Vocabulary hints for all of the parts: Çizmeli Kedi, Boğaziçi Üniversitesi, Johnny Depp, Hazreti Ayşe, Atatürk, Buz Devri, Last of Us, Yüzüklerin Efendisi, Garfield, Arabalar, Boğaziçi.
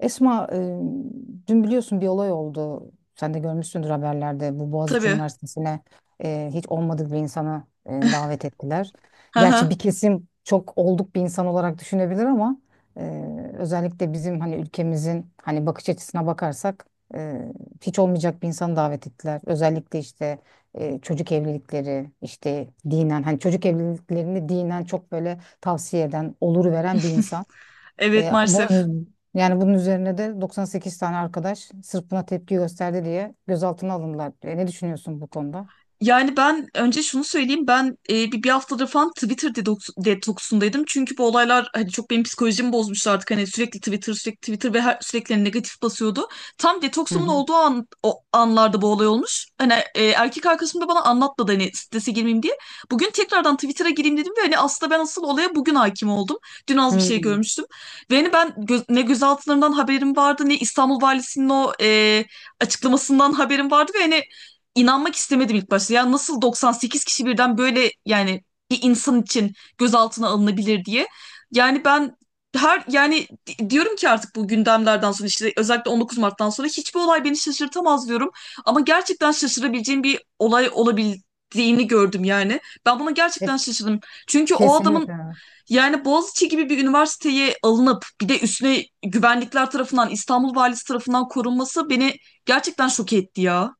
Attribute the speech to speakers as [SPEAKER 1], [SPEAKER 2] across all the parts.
[SPEAKER 1] Esma, dün biliyorsun bir olay oldu. Sen de görmüşsündür haberlerde. Bu Boğaziçi
[SPEAKER 2] Tabii.
[SPEAKER 1] Üniversitesi'ne hiç olmadık bir insanı davet ettiler. Gerçi
[SPEAKER 2] Hı.
[SPEAKER 1] bir kesim çok olduk bir insan olarak düşünebilir ama e, özellikle bizim hani ülkemizin hani bakış açısına bakarsak e, hiç olmayacak bir insanı davet ettiler. Özellikle işte çocuk evlilikleri, işte dinen hani çocuk evliliklerini dinen çok böyle tavsiye eden, olur veren bir insan.
[SPEAKER 2] Evet, maalesef.
[SPEAKER 1] Bunun, yani bunun üzerine de 98 tane arkadaş sırf buna tepki gösterdi diye gözaltına alındılar. Ne düşünüyorsun bu konuda?
[SPEAKER 2] Yani ben önce şunu söyleyeyim, ben bir haftadır falan Twitter detoksundaydım. Çünkü bu olaylar hani çok benim psikolojimi bozmuştu artık. Hani sürekli Twitter, sürekli Twitter ve sürekli negatif basıyordu. Tam
[SPEAKER 1] Hı
[SPEAKER 2] detoksumun
[SPEAKER 1] hı.
[SPEAKER 2] olduğu an, o anlarda bu olay olmuş. Hani erkek arkadaşım da bana anlatmadı, hani strese girmeyeyim diye. Bugün tekrardan Twitter'a gireyim dedim ve hani aslında ben asıl olaya bugün hakim oldum. Dün az bir şey
[SPEAKER 1] Hmm.
[SPEAKER 2] görmüştüm. Ve hani ben ne gözaltılarından haberim vardı ne İstanbul Valisi'nin o açıklamasından haberim vardı ve hani İnanmak istemedim ilk başta. Ya nasıl 98 kişi birden, böyle yani bir insan için gözaltına alınabilir diye. Yani ben her, yani diyorum ki artık bu gündemlerden sonra, işte özellikle 19 Mart'tan sonra hiçbir olay beni şaşırtamaz diyorum. Ama gerçekten şaşırabileceğim bir olay olabildiğini gördüm yani. Ben buna
[SPEAKER 1] E,
[SPEAKER 2] gerçekten şaşırdım. Çünkü o adamın,
[SPEAKER 1] kesinlikle.
[SPEAKER 2] yani Boğaziçi gibi bir üniversiteye alınıp bir de üstüne güvenlikler tarafından, İstanbul Valisi tarafından korunması beni gerçekten şok etti ya.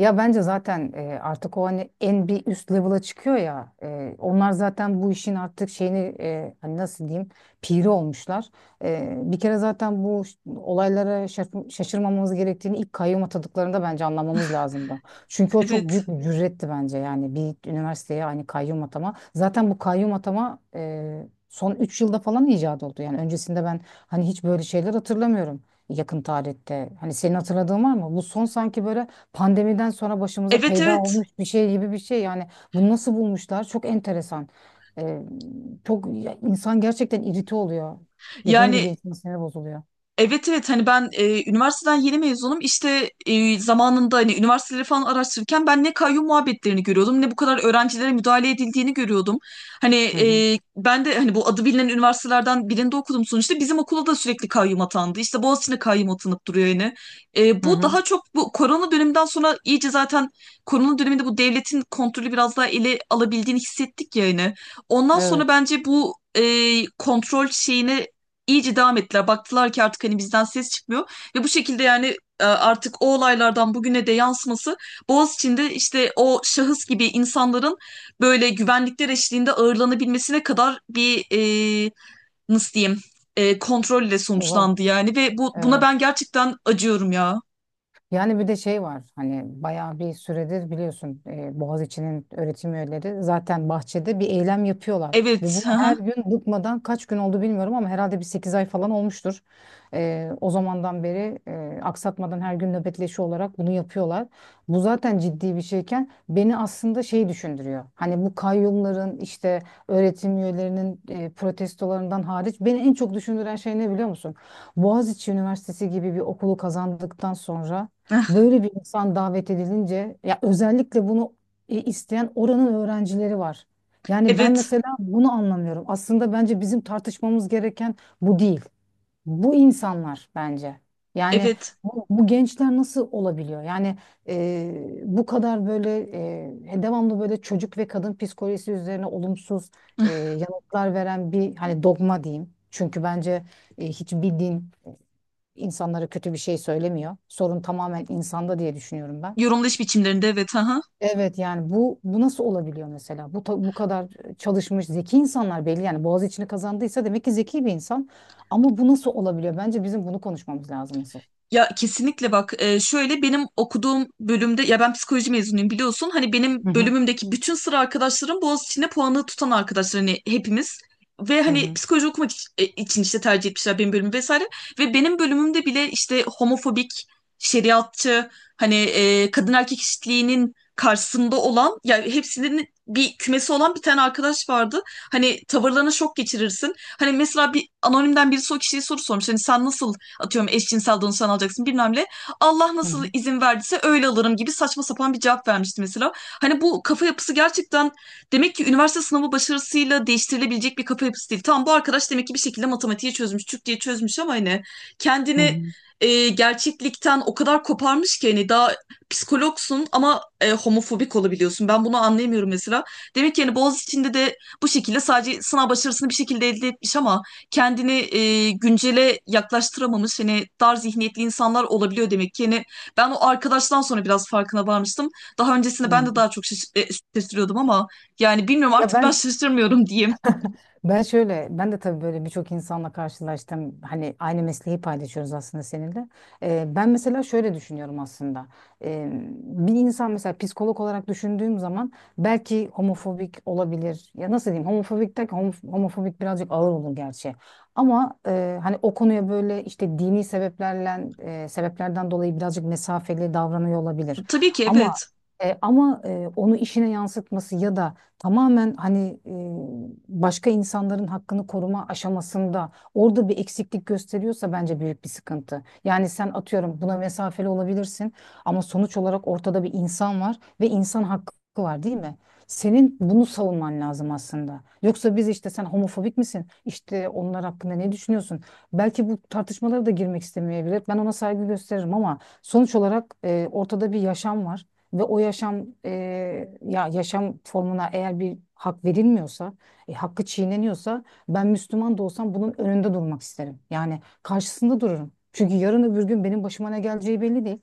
[SPEAKER 1] Ya bence zaten artık o hani en bir üst level'a çıkıyor ya. Onlar zaten bu işin artık şeyini hani nasıl diyeyim piri olmuşlar. Bir kere zaten bu olaylara şaşırmamamız gerektiğini ilk kayyum atadıklarında bence anlamamız lazımdı. Çünkü o çok
[SPEAKER 2] Evet.
[SPEAKER 1] büyük bir cüretti bence yani bir üniversiteye hani kayyum atama. Zaten bu kayyum atama son 3 yılda falan icat oldu. Yani öncesinde ben hani hiç böyle şeyler hatırlamıyorum yakın tarihte. Hani senin hatırladığın var mı? Bu son sanki böyle pandemiden sonra başımıza
[SPEAKER 2] Evet,
[SPEAKER 1] peyda
[SPEAKER 2] evet.
[SPEAKER 1] olmuş bir şey gibi bir şey yani bunu nasıl bulmuşlar çok enteresan. Ee, çok ya insan gerçekten irite oluyor. Dediğin gibi
[SPEAKER 2] Yani,
[SPEAKER 1] insan siniri bozuluyor.
[SPEAKER 2] evet, evet, hani ben üniversiteden yeni mezunum, işte zamanında hani üniversiteleri falan araştırırken ben ne kayyum muhabbetlerini görüyordum ne bu kadar öğrencilere müdahale edildiğini görüyordum. Hani
[SPEAKER 1] Hı hı.
[SPEAKER 2] ben de hani bu adı bilinen üniversitelerden birinde okudum sonuçta, bizim okula da sürekli kayyum atandı, işte Boğaziçi'ne kayyum atanıp duruyor yani.
[SPEAKER 1] Hı
[SPEAKER 2] Bu
[SPEAKER 1] hı.
[SPEAKER 2] daha çok bu korona döneminden sonra iyice, zaten korona döneminde bu devletin kontrolü biraz daha ele alabildiğini hissettik yani. Ondan sonra
[SPEAKER 1] Evet.
[SPEAKER 2] bence bu kontrol şeyini iyice devam ettiler. Baktılar ki artık hani bizden ses çıkmıyor. Ve bu şekilde, yani artık o olaylardan bugüne de yansıması, Boğaziçi'nde işte o şahıs gibi insanların böyle güvenlikler eşliğinde ağırlanabilmesine kadar bir nasıl diyeyim, kontrolle
[SPEAKER 1] O zaman-
[SPEAKER 2] sonuçlandı yani. Ve buna
[SPEAKER 1] Evet.
[SPEAKER 2] ben gerçekten acıyorum ya.
[SPEAKER 1] Yani bir de şey var hani bayağı bir süredir biliyorsun Boğaziçi'nin öğretim üyeleri zaten bahçede bir eylem yapıyorlar. Ve bunu
[SPEAKER 2] Evet. Hı
[SPEAKER 1] her
[SPEAKER 2] hı.
[SPEAKER 1] gün bıkmadan kaç gün oldu bilmiyorum ama herhalde bir 8 ay falan olmuştur. O zamandan beri aksatmadan her gün nöbetleşi olarak bunu yapıyorlar. Bu zaten ciddi bir şeyken beni aslında şey düşündürüyor. Hani bu kayyumların işte öğretim üyelerinin protestolarından hariç beni en çok düşündüren şey ne biliyor musun? Boğaziçi Üniversitesi gibi bir okulu kazandıktan sonra böyle bir insan davet edilince ya özellikle bunu isteyen oranın öğrencileri var. Yani ben
[SPEAKER 2] Evet.
[SPEAKER 1] mesela bunu anlamıyorum. Aslında bence bizim tartışmamız gereken bu değil. Bu insanlar bence. Yani
[SPEAKER 2] Evet.
[SPEAKER 1] bu, bu gençler nasıl olabiliyor? Yani bu kadar böyle devamlı böyle çocuk ve kadın psikolojisi üzerine olumsuz yanıtlar veren bir hani dogma diyeyim. Çünkü bence hiçbir din insanlara kötü bir şey söylemiyor. Sorun tamamen insanda diye düşünüyorum ben.
[SPEAKER 2] Yorumlayış biçimlerinde, evet. Hı hı.
[SPEAKER 1] Evet yani bu nasıl olabiliyor mesela? Bu kadar çalışmış zeki insanlar belli yani Boğaziçi'ni kazandıysa demek ki zeki bir insan. Ama bu nasıl olabiliyor? Bence bizim bunu konuşmamız lazım asıl.
[SPEAKER 2] Ya kesinlikle, bak, şöyle, benim okuduğum bölümde, ya ben psikoloji mezunuyum biliyorsun, hani benim
[SPEAKER 1] Hı hı.
[SPEAKER 2] bölümümdeki bütün sıra arkadaşlarım Boğaziçi'nde puanı tutan arkadaşlar, hani hepimiz ve
[SPEAKER 1] Hı
[SPEAKER 2] hani
[SPEAKER 1] hı.
[SPEAKER 2] psikoloji okumak için işte tercih etmişler benim bölümü vesaire ve benim bölümümde bile işte homofobik, şeriatçı, hani kadın erkek eşitliğinin karşısında olan, yani hepsinin bir kümesi olan bir tane arkadaş vardı. Hani tavırlarına şok geçirirsin. Hani mesela bir anonimden birisi o kişiye soru sormuş. Hani sen nasıl, atıyorum, eşcinsel danışan alacaksın bilmem ne. Allah
[SPEAKER 1] Hı
[SPEAKER 2] nasıl
[SPEAKER 1] hı.
[SPEAKER 2] izin verdiyse öyle alırım gibi saçma sapan bir cevap vermişti mesela. Hani bu kafa yapısı gerçekten, demek ki üniversite sınavı başarısıyla değiştirilebilecek bir kafa yapısı değil. Tamam, bu arkadaş demek ki bir şekilde matematiği çözmüş, Türkçeyi çözmüş ama hani
[SPEAKER 1] Hı
[SPEAKER 2] kendini
[SPEAKER 1] hı.
[SPEAKER 2] gerçeklikten o kadar koparmış ki, hani daha psikologsun ama homofobik olabiliyorsun. Ben bunu anlayamıyorum mesela. Demek ki yani Boğaziçi'nde de bu şekilde sadece sınav başarısını bir şekilde elde etmiş ama kendini güncele yaklaştıramamış, hani dar zihniyetli insanlar olabiliyor demek ki. Yani ben o arkadaştan sonra biraz farkına varmıştım. Daha öncesinde ben de daha çok şaşırıyordum ama yani bilmiyorum,
[SPEAKER 1] Ya
[SPEAKER 2] artık ben
[SPEAKER 1] ben
[SPEAKER 2] şaşırmıyorum diyeyim.
[SPEAKER 1] Ben şöyle, ben de tabii böyle birçok insanla karşılaştım. Hani aynı mesleği paylaşıyoruz aslında seninle. Ben mesela şöyle düşünüyorum aslında. Ee, bir insan mesela psikolog olarak düşündüğüm zaman belki homofobik olabilir. Ya nasıl diyeyim? Homofobik derken homofobik birazcık ağır olur gerçi. Ama hani o konuya böyle işte dini sebeplerle sebeplerden dolayı birazcık mesafeli davranıyor olabilir.
[SPEAKER 2] Tabii ki,
[SPEAKER 1] Ama
[SPEAKER 2] evet.
[SPEAKER 1] ama onu işine yansıtması ya da tamamen hani başka insanların hakkını koruma aşamasında orada bir eksiklik gösteriyorsa bence büyük bir sıkıntı. Yani sen atıyorum buna mesafeli olabilirsin ama sonuç olarak ortada bir insan var ve insan hakkı var değil mi? Senin bunu savunman lazım aslında. Yoksa biz işte sen homofobik misin? İşte onlar hakkında ne düşünüyorsun? Belki bu tartışmalara da girmek istemeyebilir. Ben ona saygı gösteririm ama sonuç olarak ortada bir yaşam var. Ve o yaşam ya yaşam formuna eğer bir hak verilmiyorsa, hakkı çiğneniyorsa ben Müslüman da olsam bunun önünde durmak isterim. Yani karşısında dururum. Çünkü yarın öbür gün benim başıma ne geleceği belli değil.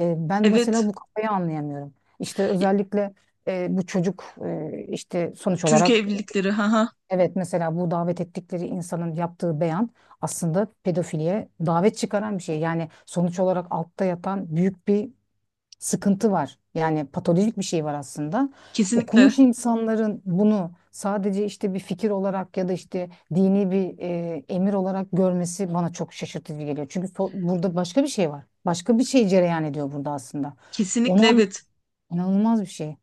[SPEAKER 1] Ben mesela
[SPEAKER 2] Evet.
[SPEAKER 1] bu kafayı anlayamıyorum. İşte özellikle bu çocuk işte sonuç
[SPEAKER 2] Çocuk
[SPEAKER 1] olarak
[SPEAKER 2] evlilikleri. Ha ha.
[SPEAKER 1] evet mesela bu davet ettikleri insanın yaptığı beyan aslında pedofiliye davet çıkaran bir şey. Yani sonuç olarak altta yatan büyük bir sıkıntı var. Yani patolojik bir şey var aslında.
[SPEAKER 2] Kesinlikle.
[SPEAKER 1] Okumuş insanların bunu sadece işte bir fikir olarak ya da işte dini bir emir olarak görmesi bana çok şaşırtıcı geliyor. Çünkü burada başka bir şey var. Başka bir şey cereyan ediyor burada aslında.
[SPEAKER 2] Kesinlikle,
[SPEAKER 1] Onun
[SPEAKER 2] evet.
[SPEAKER 1] inanılmaz bir şey.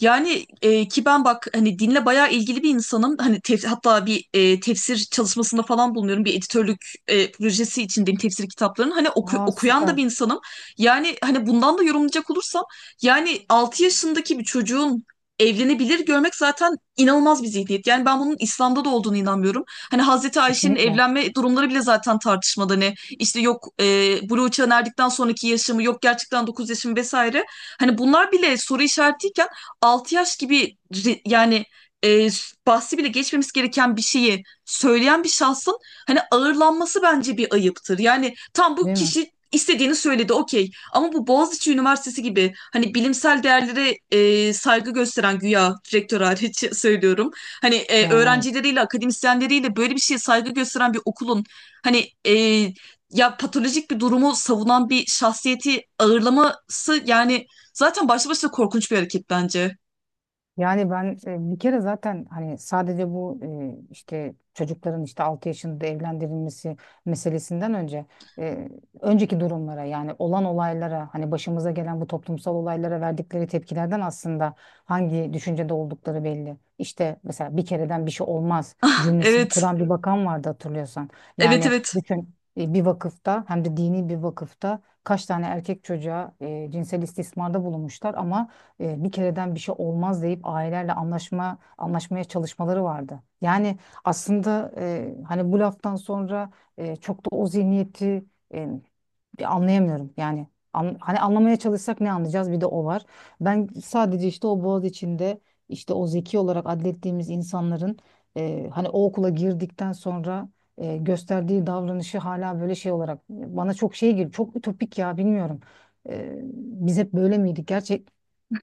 [SPEAKER 2] Yani ki ben bak hani dinle bayağı ilgili bir insanım. Hani hatta bir tefsir çalışmasında falan bulunuyorum. Bir editörlük projesi içindeyim tefsir kitaplarının. Hani
[SPEAKER 1] Aa
[SPEAKER 2] okuyan da bir
[SPEAKER 1] süper.
[SPEAKER 2] insanım. Yani hani bundan da yorumlayacak olursam yani 6 yaşındaki bir çocuğun evlenebilir görmek zaten inanılmaz bir zihniyet. Yani ben bunun İslam'da da olduğunu inanmıyorum. Hani Hazreti Ayşe'nin
[SPEAKER 1] Kesinlikle.
[SPEAKER 2] evlenme durumları bile zaten tartışmalı. Hani işte yok, buluğa erdikten sonraki yaşamı, yok gerçekten 9 yaşım vesaire. Hani bunlar bile soru işaretiyken 6 yaş gibi yani, bahsi bile geçmemiz gereken bir şeyi söyleyen bir şahsın hani ağırlanması bence bir ayıptır. Yani tam bu
[SPEAKER 1] Değil mi?
[SPEAKER 2] kişi istediğini söyledi, okey, ama bu Boğaziçi Üniversitesi gibi hani bilimsel değerlere saygı gösteren, güya, direktör hariç, söylüyorum. Hani
[SPEAKER 1] Yani evet.
[SPEAKER 2] öğrencileriyle, akademisyenleriyle böyle bir şeye saygı gösteren bir okulun hani ya patolojik bir durumu savunan bir şahsiyeti ağırlaması, yani zaten başlı başına korkunç bir hareket bence.
[SPEAKER 1] Yani ben bir kere zaten hani sadece bu işte çocukların işte 6 yaşında evlendirilmesi meselesinden önce e, önceki durumlara yani olan olaylara hani başımıza gelen bu toplumsal olaylara verdikleri tepkilerden aslında hangi düşüncede oldukları belli. İşte mesela bir kereden bir şey olmaz cümlesini
[SPEAKER 2] Evet.
[SPEAKER 1] kuran bir bakan vardı hatırlıyorsan.
[SPEAKER 2] Evet,
[SPEAKER 1] Yani
[SPEAKER 2] evet.
[SPEAKER 1] bütün bir vakıfta hem de dini bir vakıfta kaç tane erkek çocuğa cinsel istismarda bulunmuşlar ama bir kereden bir şey olmaz deyip ailelerle anlaşmaya çalışmaları vardı. Yani aslında hani bu laftan sonra çok da o zihniyeti e, bir anlayamıyorum yani hani anlamaya çalışsak ne anlayacağız bir de o var. Ben sadece işte o boğaz içinde işte o zeki olarak adlettiğimiz insanların hani o okula girdikten sonra gösterdiği davranışı hala böyle şey olarak bana çok şey gibi çok ütopik ya bilmiyorum. E, biz hep böyle miydik gerçek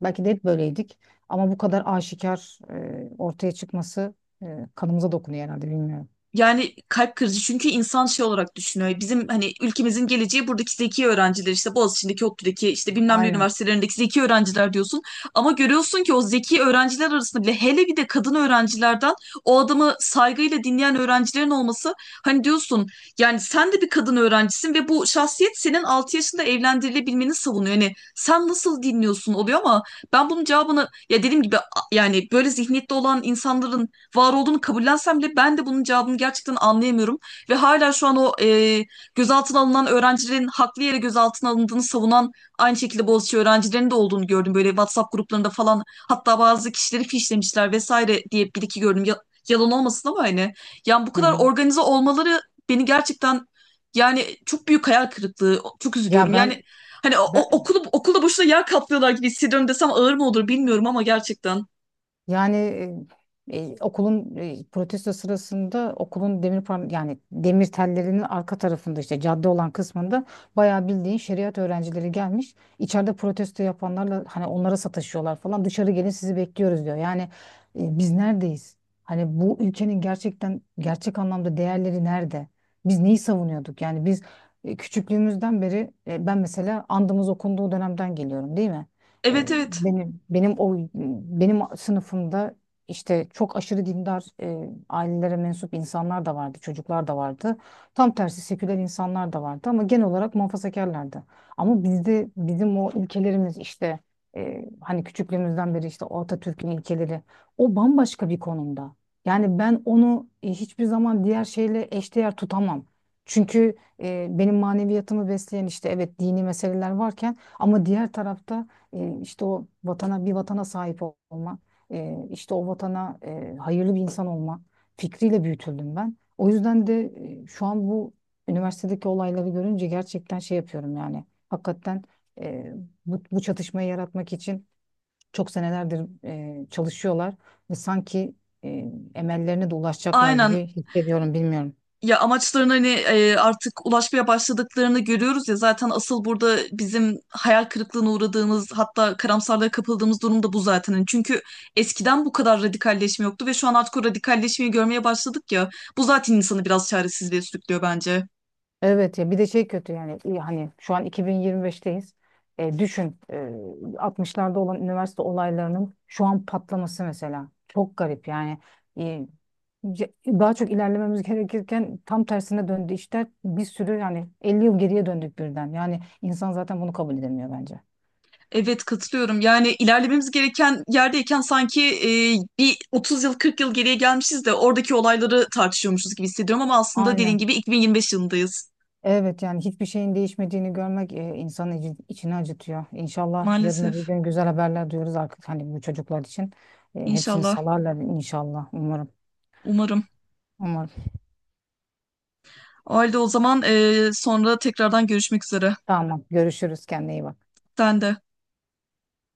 [SPEAKER 1] belki de hep böyleydik ama bu kadar aşikar ortaya çıkması kanımıza dokunuyor herhalde bilmiyorum.
[SPEAKER 2] Yani kalp kırıcı, çünkü insan şey olarak düşünüyor. Bizim hani ülkemizin geleceği buradaki zeki öğrenciler, işte Boğaziçi'ndeki, ODTÜ'deki, işte bilmem ne
[SPEAKER 1] Aynen.
[SPEAKER 2] üniversitelerindeki zeki öğrenciler diyorsun. Ama görüyorsun ki o zeki öğrenciler arasında bile, hele bir de kadın öğrencilerden o adamı saygıyla dinleyen öğrencilerin olması, hani diyorsun, yani sen de bir kadın öğrencisin ve bu şahsiyet senin 6 yaşında evlendirilebilmeni savunuyor. Yani sen nasıl dinliyorsun oluyor ama ben bunun cevabını, ya, dediğim gibi, yani böyle zihniyette olan insanların var olduğunu kabullensem bile ben de bunun cevabını gerçekten anlayamıyorum. Ve hala şu an o gözaltına alınan öğrencilerin haklı yere gözaltına alındığını savunan, aynı şekilde Boğaziçi öğrencilerinin de olduğunu gördüm. Böyle WhatsApp gruplarında falan hatta bazı kişileri fişlemişler vesaire diye bir iki gördüm. Yalan olmasın ama hani. Yani bu kadar
[SPEAKER 1] Hı.
[SPEAKER 2] organize olmaları beni gerçekten, yani çok büyük hayal kırıklığı. Çok
[SPEAKER 1] Ya
[SPEAKER 2] üzülüyorum. Yani,
[SPEAKER 1] ben,
[SPEAKER 2] hani o, o-
[SPEAKER 1] ben
[SPEAKER 2] okulu okulda boşuna yağ kaplıyorlar gibi hissediyorum desem ağır mı olur bilmiyorum ama gerçekten.
[SPEAKER 1] Yani okulun protesto sırasında okulun demir par yani demir tellerinin arka tarafında işte cadde olan kısmında bayağı bildiğin şeriat öğrencileri gelmiş. İçeride protesto yapanlarla hani onlara sataşıyorlar falan. Dışarı gelin sizi bekliyoruz diyor. Yani biz neredeyiz? Hani bu ülkenin gerçekten gerçek anlamda değerleri nerede? Biz neyi savunuyorduk? Yani biz küçüklüğümüzden beri ben mesela andımız okunduğu dönemden geliyorum değil mi?
[SPEAKER 2] Evet, evet.
[SPEAKER 1] Benim o benim sınıfımda işte çok aşırı dindar ailelere mensup insanlar da vardı, çocuklar da vardı. Tam tersi seküler insanlar da vardı ama genel olarak muhafazakarlardı. Ama bizim o ilkelerimiz işte hani küçüklüğümüzden beri işte o Atatürk'ün ilkeleri o bambaşka bir konumda. Yani ben onu hiçbir zaman diğer şeyle eşdeğer tutamam. Çünkü benim maneviyatımı besleyen işte evet dini meseleler varken ama diğer tarafta işte o vatana bir vatana sahip olma, işte o vatana hayırlı bir insan olma fikriyle büyütüldüm ben. O yüzden de şu an bu üniversitedeki olayları görünce gerçekten şey yapıyorum yani. Hakikaten e, bu çatışmayı yaratmak için çok senelerdir çalışıyorlar ve sanki emellerine de ulaşacaklar
[SPEAKER 2] Aynen.
[SPEAKER 1] gibi hissediyorum, bilmiyorum.
[SPEAKER 2] Ya amaçlarına hani artık ulaşmaya başladıklarını görüyoruz ya, zaten asıl burada bizim hayal kırıklığına uğradığımız, hatta karamsarlığa kapıldığımız durum da bu zaten. Hani çünkü eskiden bu kadar radikalleşme yoktu ve şu an artık o radikalleşmeyi görmeye başladık ya. Bu zaten insanı biraz çaresizliğe sürüklüyor bence.
[SPEAKER 1] Evet ya bir de şey kötü yani hani şu an 2025'teyiz. Düşün 60'larda olan üniversite olaylarının şu an patlaması mesela. Çok garip yani. E, ce- daha çok ilerlememiz gerekirken tam tersine döndü işler. Bir sürü yani 50 yıl geriye döndük birden. Yani insan zaten bunu kabul edemiyor bence.
[SPEAKER 2] Evet, katılıyorum. Yani ilerlememiz gereken yerdeyken sanki bir 30 yıl, 40 yıl geriye gelmişiz de oradaki olayları tartışıyormuşuz gibi hissediyorum ama aslında dediğin
[SPEAKER 1] Aynen.
[SPEAKER 2] gibi 2025 yılındayız.
[SPEAKER 1] Evet yani hiçbir şeyin değişmediğini görmek insanın içini acıtıyor. İnşallah yarın öbür
[SPEAKER 2] Maalesef.
[SPEAKER 1] gün güzel haberler duyuyoruz artık hani bu çocuklar için. Hepsini
[SPEAKER 2] İnşallah.
[SPEAKER 1] salarlar inşallah umarım.
[SPEAKER 2] Umarım.
[SPEAKER 1] Umarım.
[SPEAKER 2] O halde o zaman, sonra tekrardan görüşmek üzere.
[SPEAKER 1] Tamam görüşürüz kendine iyi bak.
[SPEAKER 2] Sen de.